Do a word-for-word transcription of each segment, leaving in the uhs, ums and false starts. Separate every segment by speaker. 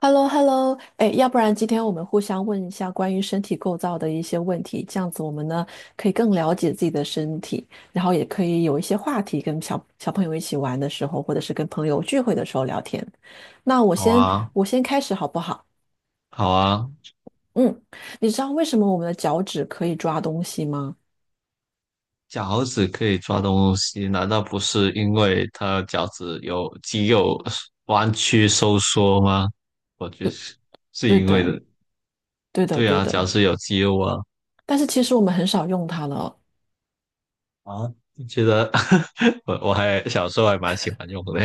Speaker 1: h e l l o h e l l o 哎，要不然今天我们互相问一下关于身体构造的一些问题，这样子我们呢可以更了解自己的身体，然后也可以有一些话题跟小小朋友一起玩的时候，或者是跟朋友聚会的时候聊天。那我
Speaker 2: 好
Speaker 1: 先
Speaker 2: 啊，
Speaker 1: 我先开始好不好？
Speaker 2: 好啊，
Speaker 1: 嗯，你知道为什么我们的脚趾可以抓东西吗？
Speaker 2: 脚趾可以抓东西，难道不是因为它脚趾有肌肉弯曲收缩吗？我觉得
Speaker 1: 对，
Speaker 2: 是是
Speaker 1: 对
Speaker 2: 因为
Speaker 1: 的，
Speaker 2: 的。
Speaker 1: 对的，
Speaker 2: 对
Speaker 1: 对
Speaker 2: 啊，
Speaker 1: 的。
Speaker 2: 脚趾有肌肉啊。
Speaker 1: 但是其实我们很少用它了哦。
Speaker 2: 啊，觉得 我我还小时候还蛮喜欢用的，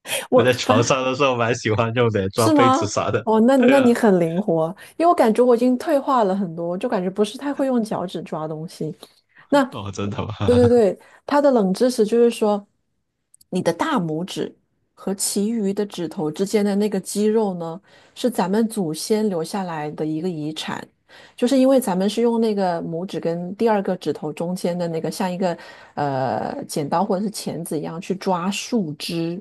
Speaker 2: 我
Speaker 1: 我
Speaker 2: 在床
Speaker 1: 反
Speaker 2: 上的时候蛮喜欢用的，抓
Speaker 1: 是
Speaker 2: 被子
Speaker 1: 吗？
Speaker 2: 啥的。
Speaker 1: 哦，那那
Speaker 2: 对
Speaker 1: 你
Speaker 2: 啊，
Speaker 1: 很灵活，因为我感觉我已经退化了很多，就感觉不是太会用脚趾抓东西。那，
Speaker 2: 哦，真的吗？
Speaker 1: 对对 对，它的冷知识就是说，你的大拇指和其余的指头之间的那个肌肉呢，是咱们祖先留下来的一个遗产，就是因为咱们是用那个拇指跟第二个指头中间的那个像一个呃剪刀或者是钳子一样去抓树枝。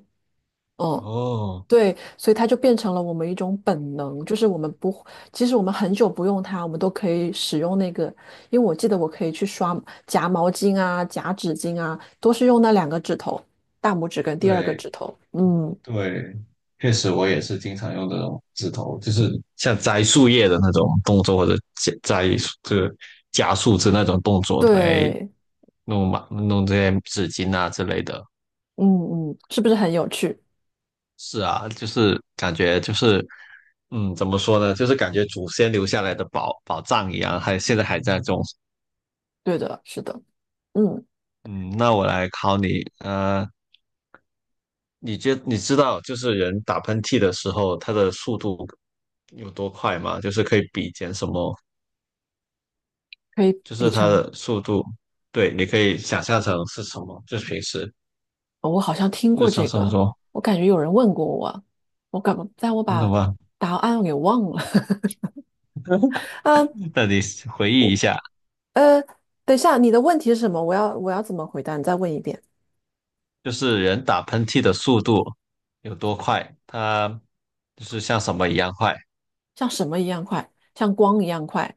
Speaker 1: 嗯，
Speaker 2: 哦，
Speaker 1: 对，所以它就变成了我们一种本能，就是我们不，即使我们很久不用它，我们都可以使用那个。因为我记得我可以去刷夹毛巾啊、夹纸巾啊，都是用那两个指头，大拇指跟第二个
Speaker 2: 对。
Speaker 1: 指头。嗯，
Speaker 2: 对，确实我也是经常用这种指头，就是像摘树叶的那种动作，或者摘摘这个加树枝那种动作来
Speaker 1: 对，
Speaker 2: 弄嘛，弄这些纸巾啊之类的。
Speaker 1: 嗯嗯，是不是很有趣？
Speaker 2: 是啊，就是感觉就是，嗯，怎么说呢？就是感觉祖先留下来的宝宝藏一样，还现在还在种。
Speaker 1: 对的，是的，嗯，
Speaker 2: 嗯，那我来考你，呃，你觉你知道就是人打喷嚏的时候，它的速度有多快吗？就是可以比肩什么
Speaker 1: 可以
Speaker 2: 就
Speaker 1: 比
Speaker 2: 是它
Speaker 1: 成，
Speaker 2: 的速度，对，你可以想象成是什么，就是平时
Speaker 1: 哦我好像听
Speaker 2: 日
Speaker 1: 过
Speaker 2: 常
Speaker 1: 这
Speaker 2: 生活
Speaker 1: 个，
Speaker 2: 中，
Speaker 1: 我感觉有人问过我，我感，但我
Speaker 2: 你懂
Speaker 1: 把
Speaker 2: 吗？
Speaker 1: 答案给忘了。嗯，
Speaker 2: 那你回忆一下，
Speaker 1: 呃，等一下，你的问题是什么？我要我要怎么回答？你再问一遍。
Speaker 2: 就是人打喷嚏的速度有多快，它就是像什么一样快，
Speaker 1: 像什么一样快？像光一样快？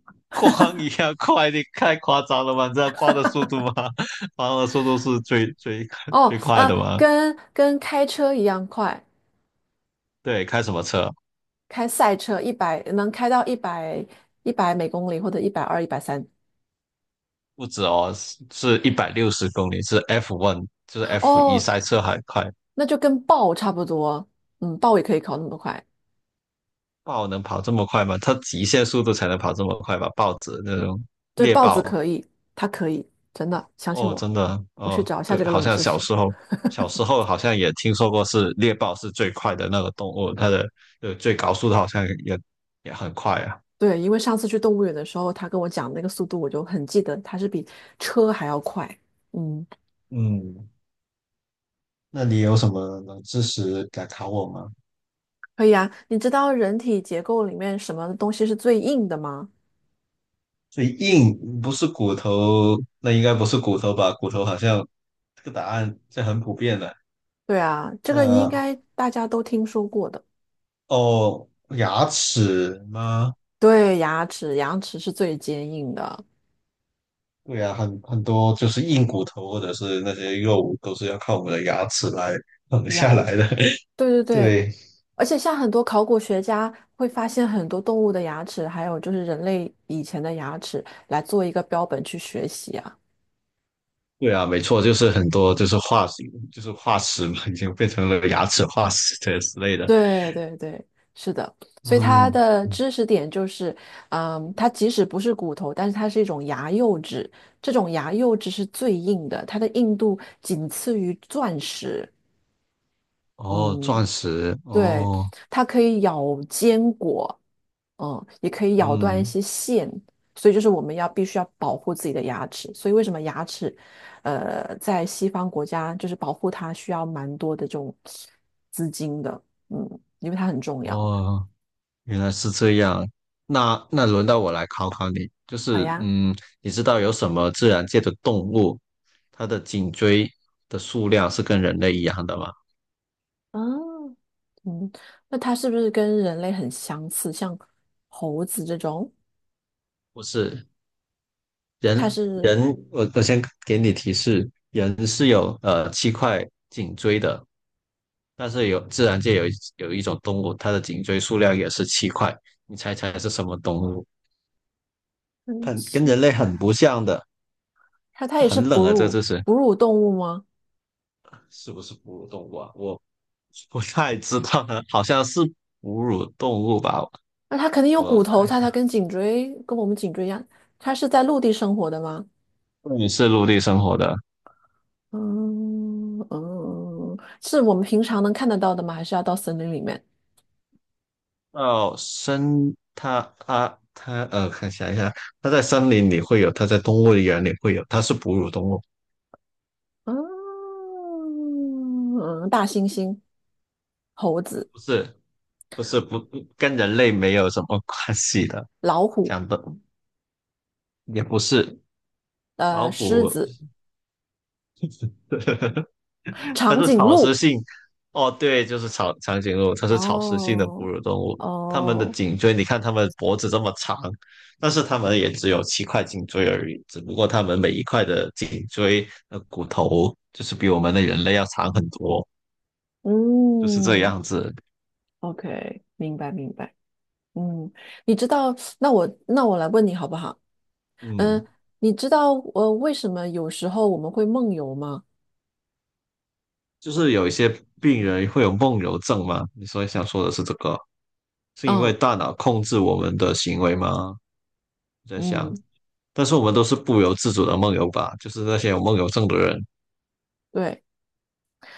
Speaker 2: 光一样快，你太夸张了吧？你知道光的速度吗？光的速度是最最
Speaker 1: 哦，
Speaker 2: 最快
Speaker 1: 呃，
Speaker 2: 的吗？
Speaker 1: 跟跟开车一样快，
Speaker 2: 对，开什么车？
Speaker 1: 开赛车一百能开到一百一百每公里或者一百二、一百三。
Speaker 2: 不止哦，是一百六十公里，是 F one，就是 f 一，
Speaker 1: 哦，
Speaker 2: 赛车还快。
Speaker 1: 那就跟豹差不多。嗯，豹也可以考那么快。
Speaker 2: 豹能跑这么快吗？它极限速度才能跑这么快吧？豹子那种
Speaker 1: 对，
Speaker 2: 猎
Speaker 1: 豹子
Speaker 2: 豹，
Speaker 1: 可以，它可以，真的，相信
Speaker 2: 哦，
Speaker 1: 我。
Speaker 2: 真的，
Speaker 1: 我去
Speaker 2: 哦，
Speaker 1: 找一下
Speaker 2: 对，
Speaker 1: 这个
Speaker 2: 好
Speaker 1: 冷
Speaker 2: 像
Speaker 1: 知
Speaker 2: 小
Speaker 1: 识。
Speaker 2: 时候，小时候好像也听说过是猎豹是最快的那个动物，它的呃最高速度好像也也很快啊。
Speaker 1: 对，因为上次去动物园的时候，他跟我讲那个速度，我就很记得它是比车还要快。嗯。
Speaker 2: 嗯，那你有什么能知识敢考我吗？
Speaker 1: 可以啊，你知道人体结构里面什么东西是最硬的吗？
Speaker 2: 最硬不是骨头，那应该不是骨头吧？骨头好像这个答案是很普遍的。
Speaker 1: 对啊，这个应
Speaker 2: 那
Speaker 1: 该大家都听说过的。
Speaker 2: 哦，牙齿吗？
Speaker 1: 对，牙齿，牙齿是最坚硬的。
Speaker 2: 对啊，很很多就是硬骨头或者是那些肉都是要靠我们的牙齿来 啃下
Speaker 1: 有，
Speaker 2: 来的。
Speaker 1: 对对 对，
Speaker 2: 对，
Speaker 1: 而且像很多考古学家会发现很多动物的牙齿，还有就是人类以前的牙齿，来做一个标本去学习啊。
Speaker 2: 对啊，没错，就是很多就是化石，就是化石嘛，已经变成了牙齿化石这之类的。
Speaker 1: 对对对，是的，所以它
Speaker 2: 嗯，
Speaker 1: 的
Speaker 2: 嗯
Speaker 1: 知识点就是，嗯，它即使不是骨头，但是它是一种牙釉质，这种牙釉质是最硬的，它的硬度仅次于钻石。
Speaker 2: 哦，
Speaker 1: 嗯，
Speaker 2: 钻石，
Speaker 1: 对，
Speaker 2: 哦，
Speaker 1: 它可以咬坚果，嗯，也可以咬断一
Speaker 2: 嗯，
Speaker 1: 些线，所以就是我们要必须要保护自己的牙齿。所以为什么牙齿，呃，在西方国家就是保护它需要蛮多的这种资金的，嗯，因为它很重要。
Speaker 2: 哦，原来是这样。那那轮到我来考考你，就
Speaker 1: 好
Speaker 2: 是
Speaker 1: 呀，
Speaker 2: 嗯，你知道有什么自然界的动物，它的颈椎的数量是跟人类一样的吗？
Speaker 1: 嗯，嗯，那它是不是跟人类很相似？像猴子这种，
Speaker 2: 不是。
Speaker 1: 它
Speaker 2: 人
Speaker 1: 是
Speaker 2: 人，我我先给你提示，人是有呃七块颈椎的，但是有自然界有一有一种动物，它的颈椎数量也是七块，你猜猜是什么动物？
Speaker 1: 很
Speaker 2: 很跟
Speaker 1: 奇
Speaker 2: 人类很
Speaker 1: 怪，
Speaker 2: 不像的，
Speaker 1: 它它也是
Speaker 2: 很
Speaker 1: 哺
Speaker 2: 冷啊，这
Speaker 1: 乳
Speaker 2: 这是
Speaker 1: 哺乳动物吗？
Speaker 2: 是不是哺乳动物啊？我不太知道呢，好像是哺乳动物吧？
Speaker 1: 那它肯定有
Speaker 2: 我
Speaker 1: 骨头，
Speaker 2: 看一
Speaker 1: 它它跟颈椎跟我们颈椎一样，它是在陆地生活的吗？
Speaker 2: 下，是陆地生活的，
Speaker 1: 嗯嗯，是我们平常能看得到的吗？还是要到森林里面？
Speaker 2: 哦，森它它它呃，看想一下，它在森林里会有，它在动物园里会有，它是哺乳动物，
Speaker 1: 嗯，嗯大猩猩、猴子、
Speaker 2: 不是不是不跟人类没有什么关系的，
Speaker 1: 老虎、
Speaker 2: 讲的也不是老
Speaker 1: 呃，狮
Speaker 2: 虎，
Speaker 1: 子、
Speaker 2: 它
Speaker 1: 长
Speaker 2: 是
Speaker 1: 颈
Speaker 2: 草食
Speaker 1: 鹿。
Speaker 2: 性，哦，对，就是长长颈鹿，它是草食性的哺
Speaker 1: 哦，
Speaker 2: 乳动物。它们的
Speaker 1: 哦，
Speaker 2: 颈椎，你看它们脖子这么长，但是它们也只有七块颈椎而已。只不过它们每一块的颈椎的骨头，就是比我们的人类要长很多，就是这
Speaker 1: 嗯
Speaker 2: 样子。
Speaker 1: ，OK，明白明白，嗯，你知道，那我那我来问你好不好？
Speaker 2: 嗯，
Speaker 1: 嗯，你知道呃为什么有时候我们会梦游吗？
Speaker 2: 就是有一些病人会有梦游症嘛，你所以想说的是这个，是因为
Speaker 1: 嗯
Speaker 2: 大脑控制我们的行为吗？我在想。
Speaker 1: 嗯，
Speaker 2: 但是我们都是不由自主的梦游吧，就是那些有梦游症的人
Speaker 1: 对，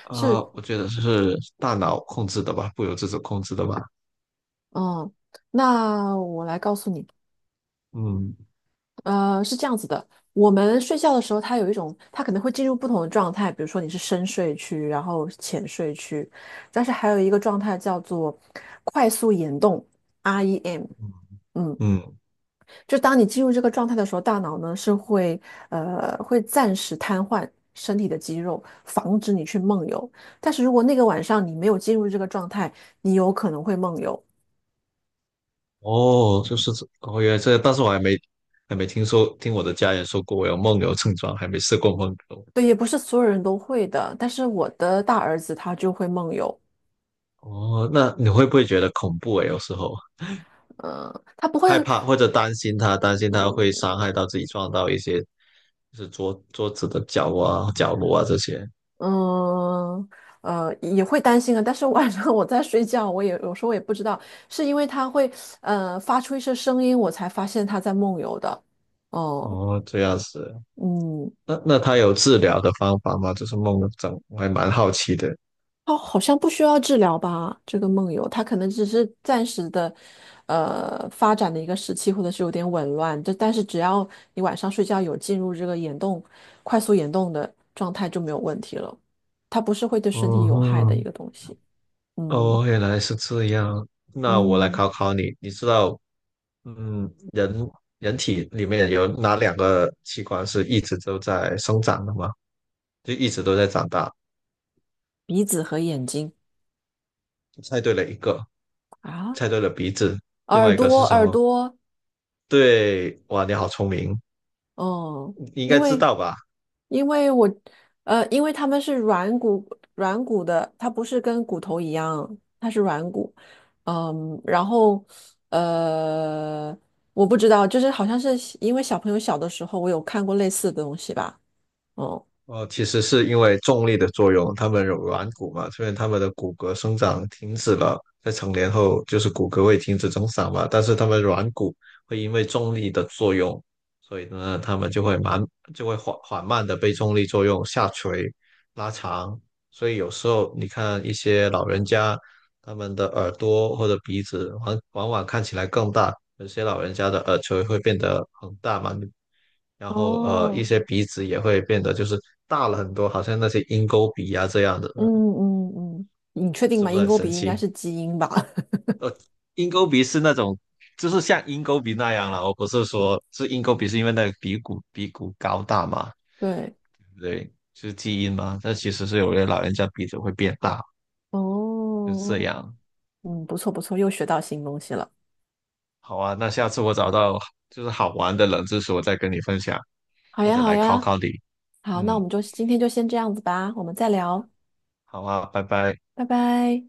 Speaker 2: 啊、
Speaker 1: 是，
Speaker 2: 我觉得是大脑控制的吧，不由自主控制的吧。
Speaker 1: 嗯，那我来告诉你，
Speaker 2: 嗯
Speaker 1: 呃，是这样子的，我们睡觉的时候，它有一种，它可能会进入不同的状态，比如说你是深睡区，然后浅睡区，但是还有一个状态叫做快速眼动 （R E M）。
Speaker 2: 嗯，
Speaker 1: 嗯，
Speaker 2: 嗯
Speaker 1: 就当你进入这个状态的时候，大脑呢是会呃会暂时瘫痪身体的肌肉，防止你去梦游。但是如果那个晚上你没有进入这个状态，你有可能会梦游。
Speaker 2: 哦，就是这，哦，原来这，但是我还没还没听说，听我的家人说过我有梦游症状，还没试过梦游。
Speaker 1: 对，也不是所有人都会的，但是我的大儿子他就会梦游。
Speaker 2: 哦，那你会不会觉得恐怖诶？有时候
Speaker 1: 嗯，呃他不会，
Speaker 2: 害怕或者担心他，担心他
Speaker 1: 嗯
Speaker 2: 会伤害到自己，撞到一些就是桌桌子的角啊、角落啊这些。
Speaker 1: 呃，也会担心啊，但是晚上我在睡觉，我也有时候也不知道，是因为它会呃发出一些声音，我才发现它在梦游的。哦，
Speaker 2: 哦，这样子。
Speaker 1: 嗯，
Speaker 2: 那那他有治疗的方法吗？就是梦的症，我还蛮好奇的。
Speaker 1: 它好像不需要治疗吧？这个梦游，它可能只是暂时的，呃，发展的一个时期，或者是有点紊乱。这但是只要你晚上睡觉有进入这个眼动、快速眼动的状态，就没有问题了。它不是会对身体
Speaker 2: 哦
Speaker 1: 有害的一
Speaker 2: 哼
Speaker 1: 个东西。嗯。
Speaker 2: 哦，原来是这样。那我来
Speaker 1: 嗯，
Speaker 2: 考考你，你知道，嗯，人人体里面有哪两个器官是一直都在生长的吗？就一直都在长大。
Speaker 1: 鼻子和眼睛
Speaker 2: 猜对了一个，
Speaker 1: 啊，
Speaker 2: 猜对了鼻子，另外
Speaker 1: 耳
Speaker 2: 一个
Speaker 1: 朵，
Speaker 2: 是什
Speaker 1: 耳
Speaker 2: 么？
Speaker 1: 朵，
Speaker 2: 对，哇，你好聪明，
Speaker 1: 哦，
Speaker 2: 你应
Speaker 1: 因
Speaker 2: 该知
Speaker 1: 为
Speaker 2: 道吧？
Speaker 1: 因为我呃，因为它们是软骨软骨的，它不是跟骨头一样，它是软骨，嗯，然后呃，我不知道，就是好像是因为小朋友小的时候，我有看过类似的东西吧，哦，
Speaker 2: 哦，其实是因为重力的作用，他们有软骨嘛，所以他们的骨骼生长停止了，在成年后就是骨骼会停止增长嘛，但是他们软骨会因为重力的作用，所以呢，他们就会慢，就会缓缓慢的被重力作用下垂、拉长，所以有时候你看一些老人家，他们的耳朵或者鼻子往往往看起来更大，有些老人家的耳垂会变得很大嘛，然后呃一
Speaker 1: 哦，
Speaker 2: 些鼻子也会变得就是大了很多，好像那些鹰钩鼻啊这样的，
Speaker 1: 嗯嗯嗯，你确定
Speaker 2: 是
Speaker 1: 吗？
Speaker 2: 不是
Speaker 1: 鹰
Speaker 2: 很
Speaker 1: 钩
Speaker 2: 神
Speaker 1: 鼻应该
Speaker 2: 奇？
Speaker 1: 是基因吧？
Speaker 2: 鹰钩鼻是那种就是像鹰钩鼻那样了，我不是说是鹰钩鼻是因为那个鼻骨鼻骨高大嘛，
Speaker 1: 对，
Speaker 2: 对不对？就是基因嘛，但其实是有些老人家鼻子会变大，就是这
Speaker 1: 哦，
Speaker 2: 样。
Speaker 1: 嗯，不错不错，又学到新东西了。
Speaker 2: 好啊，那下次我找到就是好玩的冷知识，我再跟你分享。
Speaker 1: 好
Speaker 2: 或
Speaker 1: 呀，
Speaker 2: 者
Speaker 1: 好
Speaker 2: 来考
Speaker 1: 呀，
Speaker 2: 考你。
Speaker 1: 好，那我
Speaker 2: 嗯，
Speaker 1: 们就今天就先这样子吧，我们再聊，
Speaker 2: 好啊，拜拜。
Speaker 1: 拜拜。